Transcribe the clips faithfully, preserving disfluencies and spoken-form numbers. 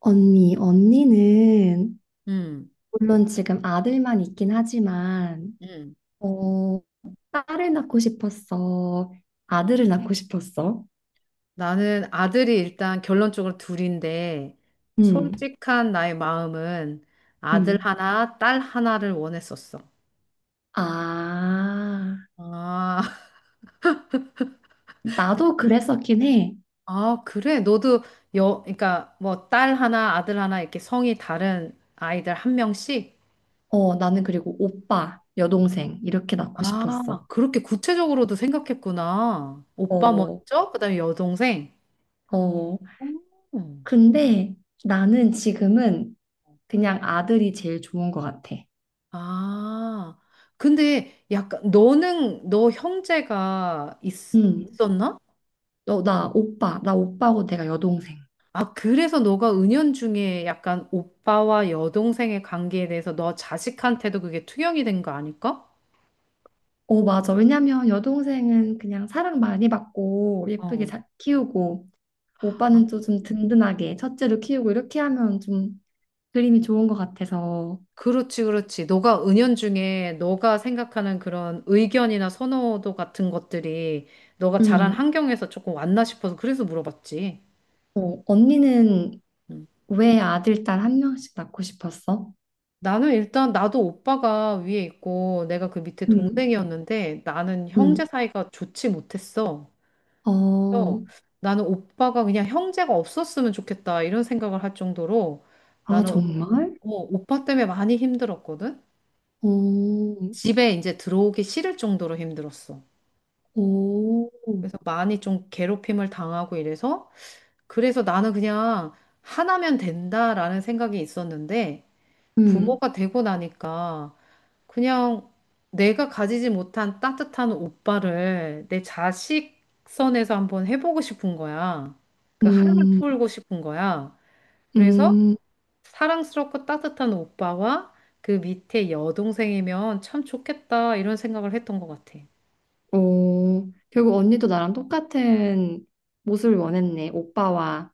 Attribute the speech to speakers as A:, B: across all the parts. A: 언니, 언니는
B: 음,
A: 물론 지금 아들만 있긴 하지만
B: 음.
A: 어, 딸을 낳고 싶었어. 아들을 낳고 싶었어.
B: 나는 아들이 일단 결론적으로 둘인데,
A: 음,
B: 솔직한 나의 마음은 아들
A: 음.
B: 하나, 딸 하나를 원했었어.
A: 아,
B: 아,
A: 나도 그랬었긴 해.
B: 아, 그래. 너도 여, 그러니까 뭐 딸 하나, 아들 하나 이렇게 성이 다른 아이들 한 명씩?
A: 어, 나는 그리고 오빠, 여동생 이렇게 낳고 싶었어.
B: 아, 그렇게 구체적으로도 생각했구나. 오빠
A: 어,
B: 먼저, 그다음에 여동생.
A: 어.
B: 오.
A: 근데 나는 지금은 그냥 아들이 제일 좋은 것 같아.
B: 아, 근데 약간 너는 너 형제가 있,
A: 음.
B: 있었나?
A: 너, 나 오빠, 나 오빠고 내가 여동생.
B: 아, 그래서 너가 은연중에 약간 오빠와 여동생의 관계에 대해서 너 자식한테도 그게 투영이 된 거 아닐까?
A: 어, 맞아. 왜냐면 여동생은 그냥 사랑 많이 받고 예쁘게
B: 어.
A: 잘 키우고
B: 아,
A: 오빠는 또 좀 든든하게 첫째로 키우고 이렇게 하면 좀 그림이 좋은 것 같아서.
B: 그렇지, 그렇지. 너가 은연중에 너가 생각하는 그런 의견이나 선호도 같은 것들이 너가 자란
A: 음,
B: 환경에서 조금 왔나 싶어서 그래서 물어봤지.
A: 어, 언니는
B: 음.
A: 왜 아들, 딸 한 명씩 낳고 싶었어?
B: 나는 일단 나도 오빠가 위에 있고 내가 그 밑에
A: 음.
B: 동생이었는데 나는
A: 음,
B: 형제 사이가 좋지 못했어. 그래서
A: 어,
B: 나는 오빠가 그냥 형제가 없었으면 좋겠다 이런 생각을 할 정도로
A: 아,
B: 나는
A: 정말?
B: 오, 오빠 때문에 많이 힘들었거든.
A: 오..
B: 집에 이제 들어오기 싫을 정도로 힘들었어.
A: 오,
B: 그래서 많이 좀 괴롭힘을 당하고 이래서 그래서 나는 그냥 하나면 된다라는 생각이 있었는데
A: 음,
B: 부모가 되고 나니까 그냥 내가 가지지 못한 따뜻한 오빠를 내 자식 선에서 한번 해보고 싶은 거야. 그 한을
A: 음,
B: 풀고 싶은 거야. 그래서
A: 음.
B: 사랑스럽고 따뜻한 오빠와 그 밑에 여동생이면 참 좋겠다 이런 생각을 했던 것 같아.
A: 오, 결국 언니도 나랑 똑같은 모습을 원했네. 오빠와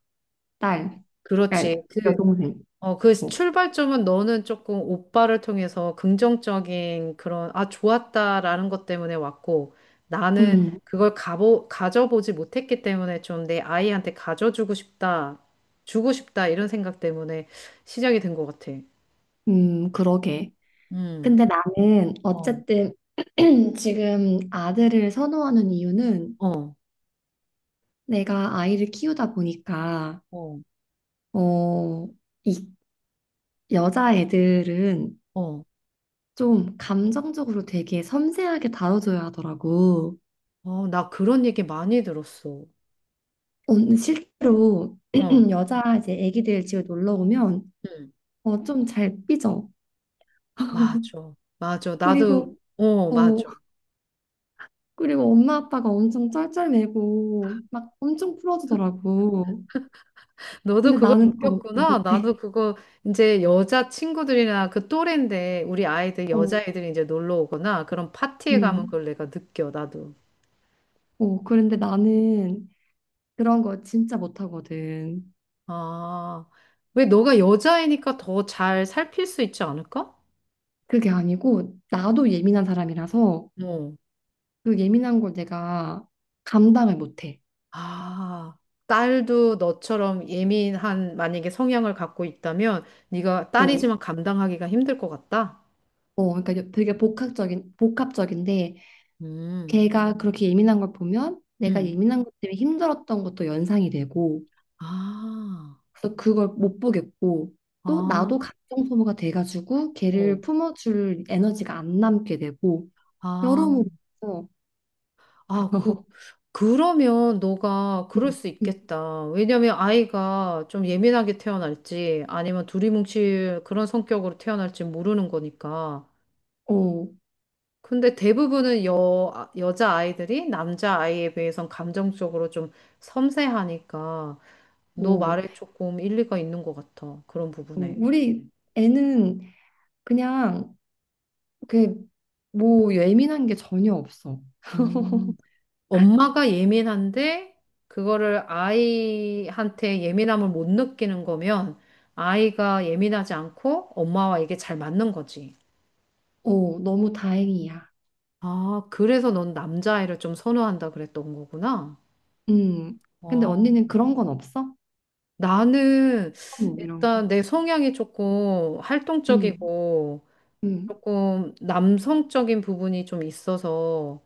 A: 딸, 딸,
B: 그렇지. 그
A: 여동생.
B: 어, 그
A: 뭐.
B: 출발점은 너는 조금 오빠를 통해서 긍정적인 그런, 아, 좋았다라는 것 때문에 왔고, 나는
A: 음,
B: 그걸 가보, 가져보지 못했기 때문에 좀 내 아이한테 가져주고 싶다, 주고 싶다, 이런 생각 때문에 시작이 된 것 같아.
A: 음, 그러게.
B: 음,
A: 근데 나는
B: 어,
A: 어쨌든 지금 아들을 선호하는 이유는
B: 어,
A: 내가 아이를 키우다 보니까,
B: 어,
A: 어, 이 여자애들은
B: 어,
A: 좀 감정적으로 되게 섬세하게 다뤄줘야 하더라고.
B: 어, 나 그런 얘기 많이 들었어.
A: 언- 실제로
B: 어,
A: 여자 이제 애기들 집에 놀러 오면
B: 음,
A: 어, 좀 잘 삐져.
B: 맞아, 맞아. 나도,
A: 그리고
B: 어,
A: 어,
B: 맞아.
A: 그리고 엄마 아빠가 엄청 쩔쩔매고 막 엄청 풀어주더라고.
B: 너도
A: 근데
B: 그걸
A: 나는 그거
B: 느꼈구나.
A: 못해.
B: 나도 그거 이제 여자 친구들이나 그 또래인데 우리 아이들
A: 어,
B: 여자애들이 이제 놀러 오거나 그런 파티에 가면
A: 음,
B: 그걸 내가 느껴. 나도.
A: 어, 그런데 나는 그런 거 진짜 못하거든.
B: 아, 왜 너가 여자애니까 더 잘 살필 수 있지 않을까?
A: 그게 아니고 나도 예민한 사람이라서
B: 어.
A: 그 예민한 걸 내가 감당을 못해.
B: 아, 딸도 너처럼 예민한 만약에 성향을 갖고 있다면 네가
A: 어,
B: 딸이지만 감당하기가 힘들 것 같다.
A: 어, 그러니까 되게 복합적인 복합적인데
B: 음.
A: 걔가 그렇게 예민한 걸 보면 내가
B: 음.
A: 예민한 것 때문에 힘들었던 것도 연상이 되고.
B: 아.
A: 그래서 그걸 못 보겠고 또
B: 아.
A: 나도 감정 소모가 돼가지고 걔를
B: 어.
A: 품어줄 에너지가 안 남게 되고
B: 아.
A: 여러모로
B: 아, 그, 그러면 너가
A: 음,
B: 그럴 수
A: 음,
B: 있겠다. 왜냐면 아이가 좀 예민하게 태어날지 아니면 두리뭉칠 그런 성격으로 태어날지 모르는 거니까.
A: 어,
B: 근데 대부분은 여, 아, 여자 아이들이 남자 아이에 비해선 감정적으로 좀 섬세하니까 너
A: 어,
B: 말에 조금 일리가 있는 것 같아. 그런
A: 어.
B: 부분에.
A: 우리 애는 그냥 그뭐 예민한 게 전혀 없어.
B: 음. 엄마가 예민한데 그거를 아이한테 예민함을 못 느끼는 거면 아이가 예민하지 않고 엄마와 이게 잘 맞는 거지.
A: 어, 너무 다행이야.
B: 아, 그래서 넌 남자아이를 좀 선호한다 그랬던 거구나.
A: 음. 근데
B: 어,
A: 언니는 그런 건 없어?
B: 나는
A: 뭐 이런 거.
B: 일단 내 성향이 조금
A: 음,
B: 활동적이고
A: 음,
B: 조금 남성적인 부분이 좀 있어서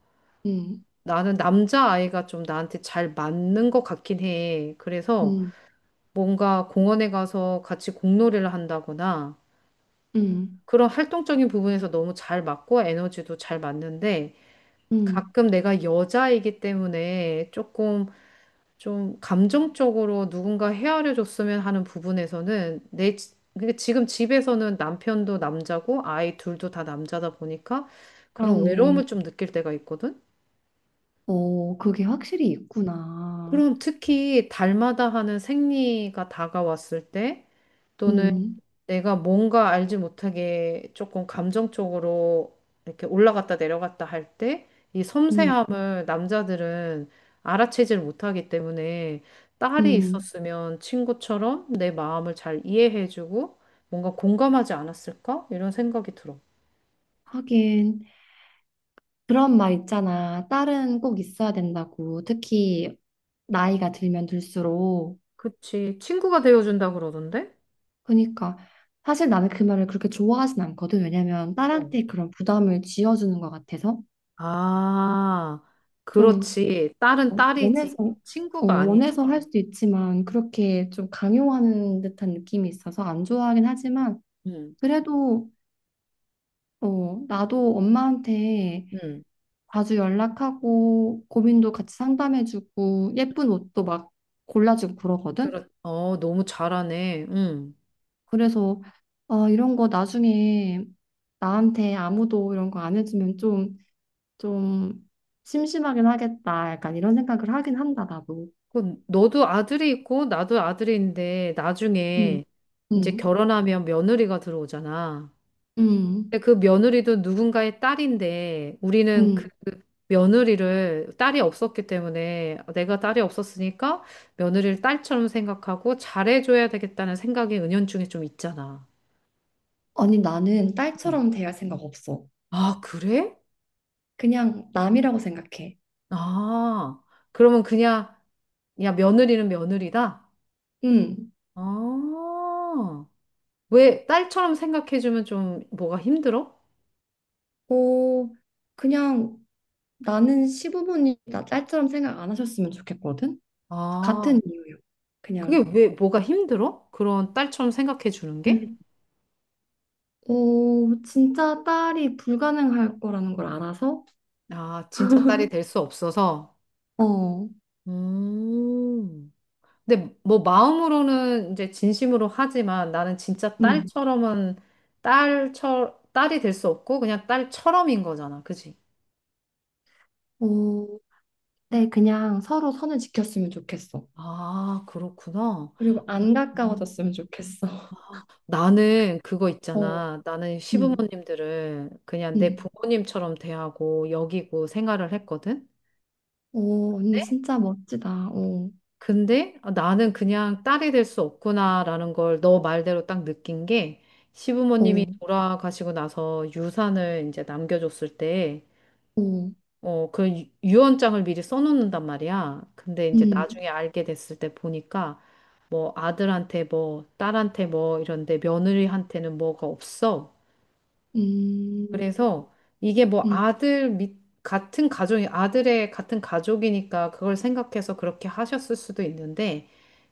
A: 음,
B: 나는 남자아이가 좀 나한테 잘 맞는 것 같긴 해. 그래서
A: 음,
B: 뭔가 공원에 가서 같이 공놀이를 한다거나
A: 음,
B: 그런 활동적인 부분에서 너무 잘 맞고 에너지도 잘 맞는데
A: 음.
B: 가끔 내가 여자이기 때문에 조금 좀 감정적으로 누군가 헤아려 줬으면 하는 부분에서는 내 지- 그러니까 지금 집에서는 남편도 남자고 아이 둘도 다 남자다 보니까 그런
A: 그렇네.
B: 외로움을 좀 느낄 때가 있거든.
A: 어, 그게 확실히 있구나.
B: 그럼 특히 달마다 하는 생리가 다가왔을 때 또는
A: 음,
B: 내가 뭔가 알지 못하게 조금 감정적으로 이렇게 올라갔다 내려갔다 할 때 이
A: 음,
B: 섬세함을 남자들은 알아채질 못하기 때문에 딸이
A: 음.
B: 있었으면 친구처럼 내 마음을 잘 이해해주고 뭔가 공감하지 않았을까? 이런 생각이 들어.
A: 하긴 그런 말 있잖아. 딸은 꼭 있어야 된다고. 특히 나이가 들면 들수록.
B: 그치. 친구가 되어준다 그러던데?
A: 그러니까 사실 나는 그 말을 그렇게 좋아하진 않거든. 왜냐면
B: 어.
A: 딸한테 그런 부담을 지어주는 것 같아서
B: 아,
A: 좀
B: 그렇지. 딸은 딸이지.
A: 원해서 어,
B: 친구가 아니지.
A: 원해서 할 수도 있지만 그렇게 좀 강요하는 듯한 느낌이 있어서 안 좋아하긴 하지만
B: 응,
A: 그래도 어, 나도 엄마한테
B: 응.
A: 자주 연락하고 고민도 같이 상담해주고 예쁜 옷도 막 골라주고 그러거든.
B: 그렇, 어, 너무 잘하네. 응.
A: 그래서 아, 이런 거 나중에 나한테 아무도 이런 거 안 해주면 좀, 좀 심심하긴 하겠다. 약간 이런 생각을 하긴 한다, 나도.
B: 그 너도 아들이 있고 나도 아들인데
A: 응,
B: 나중에 이제
A: 응,
B: 결혼하면 며느리가 들어오잖아.
A: 응,
B: 근데 그 며느리도 누군가의 딸인데 우리는 그
A: 응.
B: 며느리를 딸이 없었기 때문에 내가 딸이 없었으니까 며느리를 딸처럼 생각하고 잘해줘야 되겠다는 생각이 은연중에 좀 있잖아.
A: 아니, 나는
B: 음.
A: 딸처럼 대할 생각 없어.
B: 아, 그래?
A: 그냥 남이라고 생각해.
B: 아, 그러면 그냥, 야, 며느리는 며느리다?
A: 응.
B: 아, 왜 딸처럼 생각해주면 좀 뭐가 힘들어?
A: 어, 그냥 나는 시부모님 나 딸처럼 생각 안 하셨으면 좋겠거든.
B: 아,
A: 같은 이유요. 그냥
B: 그게 왜 뭐가 힘들어? 그런 딸처럼 생각해주는 게?
A: 음. 어, 진짜 딸이 불가능할 거라는 걸 알아서
B: 아, 진짜 딸이 될 수 없어서.
A: 어,
B: 음. 근데 뭐 마음으로는 이제 진심으로 하지만 나는 진짜
A: 음,
B: 딸처럼은 딸처 딸이 될 수 없고 그냥 딸처럼인 거잖아. 그지?
A: 어, 네, 그냥 서로 선을 지켰으면 좋겠어.
B: 아, 그렇구나.
A: 그리고
B: 너-
A: 안
B: 음.
A: 가까워졌으면 좋겠어.
B: 나는 그거
A: 어,
B: 있잖아. 나는
A: 음,
B: 시부모님들을 그냥 내
A: 음,
B: 부모님처럼 대하고 여기고 생활을 했거든.
A: 오 언니
B: 네?
A: 진짜 멋지다. 어,
B: 근데 어, 나는 그냥 딸이 될 수 없구나라는 걸 너 말대로 딱 느낀 게 시부모님이
A: 어,
B: 돌아가시고 나서 유산을 이제 남겨줬을 때
A: 오.
B: 어, 그 유- 유언장을 미리 써놓는단 말이야. 근데 이제
A: 음,
B: 나중에 알게 됐을 때 보니까 뭐 아들한테 뭐 딸한테 뭐 이런데 며느리한테는 뭐가 없어.
A: 음,
B: 그래서 이게 뭐
A: 음,
B: 아들 밑 같은 가족이 아들의 같은 가족이니까 그걸 생각해서 그렇게 하셨을 수도 있는데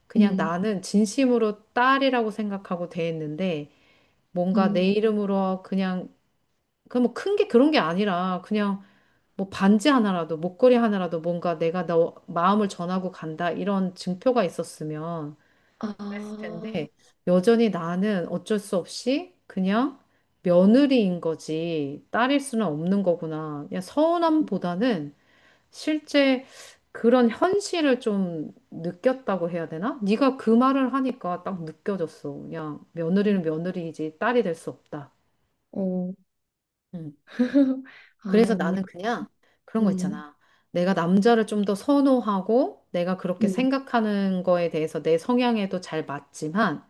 B: 그냥
A: 음,
B: 나는 진심으로 딸이라고 생각하고 대했는데 뭔가 내
A: 음,
B: 이름으로 그냥 그 뭐 큰 게 그런 게 아니라 그냥 뭐 반지 하나라도 목걸이 하나라도 뭔가 내가 너 마음을 전하고 간다 이런 증표가 있었으면 그랬을
A: 아,
B: 텐데 여전히 나는 어쩔 수 없이 그냥 며느리인 거지 딸일 수는 없는 거구나. 그냥
A: 음,
B: 서운함보다는 실제 그런 현실을 좀 느꼈다고 해야 되나? 네가 그 말을 하니까 딱 느껴졌어. 그냥
A: 음.
B: 며느리는 며느리이지 딸이 될 수 없다.
A: 어,
B: 음.
A: 아,
B: 그래서
A: 언니,
B: 나는
A: 그-
B: 그냥 그런 거
A: 음,
B: 있잖아. 내가 남자를 좀 더 선호하고 내가 그렇게
A: 음,
B: 생각하는 거에 대해서 내 성향에도 잘 맞지만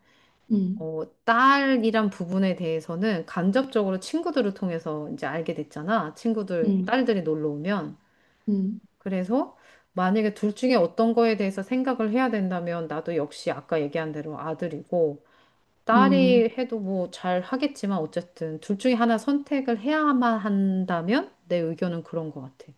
A: 음,
B: 어, 딸이란 부분에 대해서는 간접적으로 친구들을 통해서 이제 알게 됐잖아. 친구들,
A: 음,
B: 딸들이 놀러 오면.
A: 음.
B: 그래서 만약에 둘 중에 어떤 거에 대해서 생각을 해야 된다면 나도 역시 아까 얘기한 대로 아들이고
A: 음,
B: 딸이 해도 뭐 잘 하겠지만 어쨌든 둘 중에 하나 선택을 해야만 한다면 내 의견은 그런 것 같아.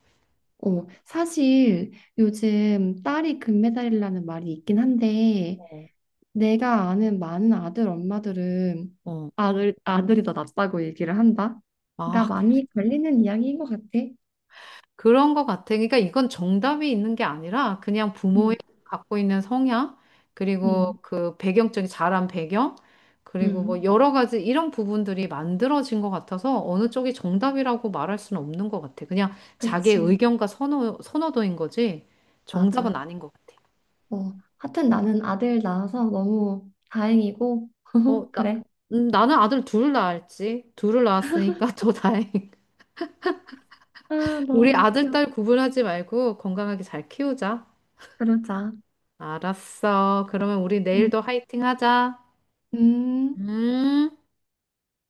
A: 어, 사실 요즘 딸이 금메달이라는 말이 있긴 한데,
B: 어.
A: 내가 아는 많은 아들 엄마들은
B: 어.
A: 아들, 아들이 더 낫다고 얘기를 한다. 그러니까
B: 아,
A: 많이 걸리는 이야기인 것 같아.
B: 그런 것 같아. 그러니까 이건 정답이 있는 게 아니라 그냥
A: 음,
B: 부모의 갖고 있는 성향, 그리고
A: 음,
B: 그 배경적인 자란 배경, 그리고 뭐
A: 음,
B: 여러 가지 이런 부분들이 만들어진 것 같아서 어느 쪽이 정답이라고 말할 수는 없는 것 같아. 그냥 자기의
A: 그치.
B: 의견과 선호, 선호도인 거지 정답은
A: 맞아.
B: 아닌 것 같아.
A: 어, 하여튼 나는 아들 낳아서 너무 다행이고,
B: 어, 나,
A: 그래.
B: 음, 나는 아들 둘 낳았지. 둘을 낳았으니까 더 다행.
A: 아,
B: 우리
A: 너무
B: 아들,
A: 귀여워.
B: 딸 구분하지 말고 건강하게 잘 키우자.
A: 그러자.
B: 알았어. 그러면 우리
A: 음.
B: 내일도 화이팅 하자.
A: 음.
B: 음.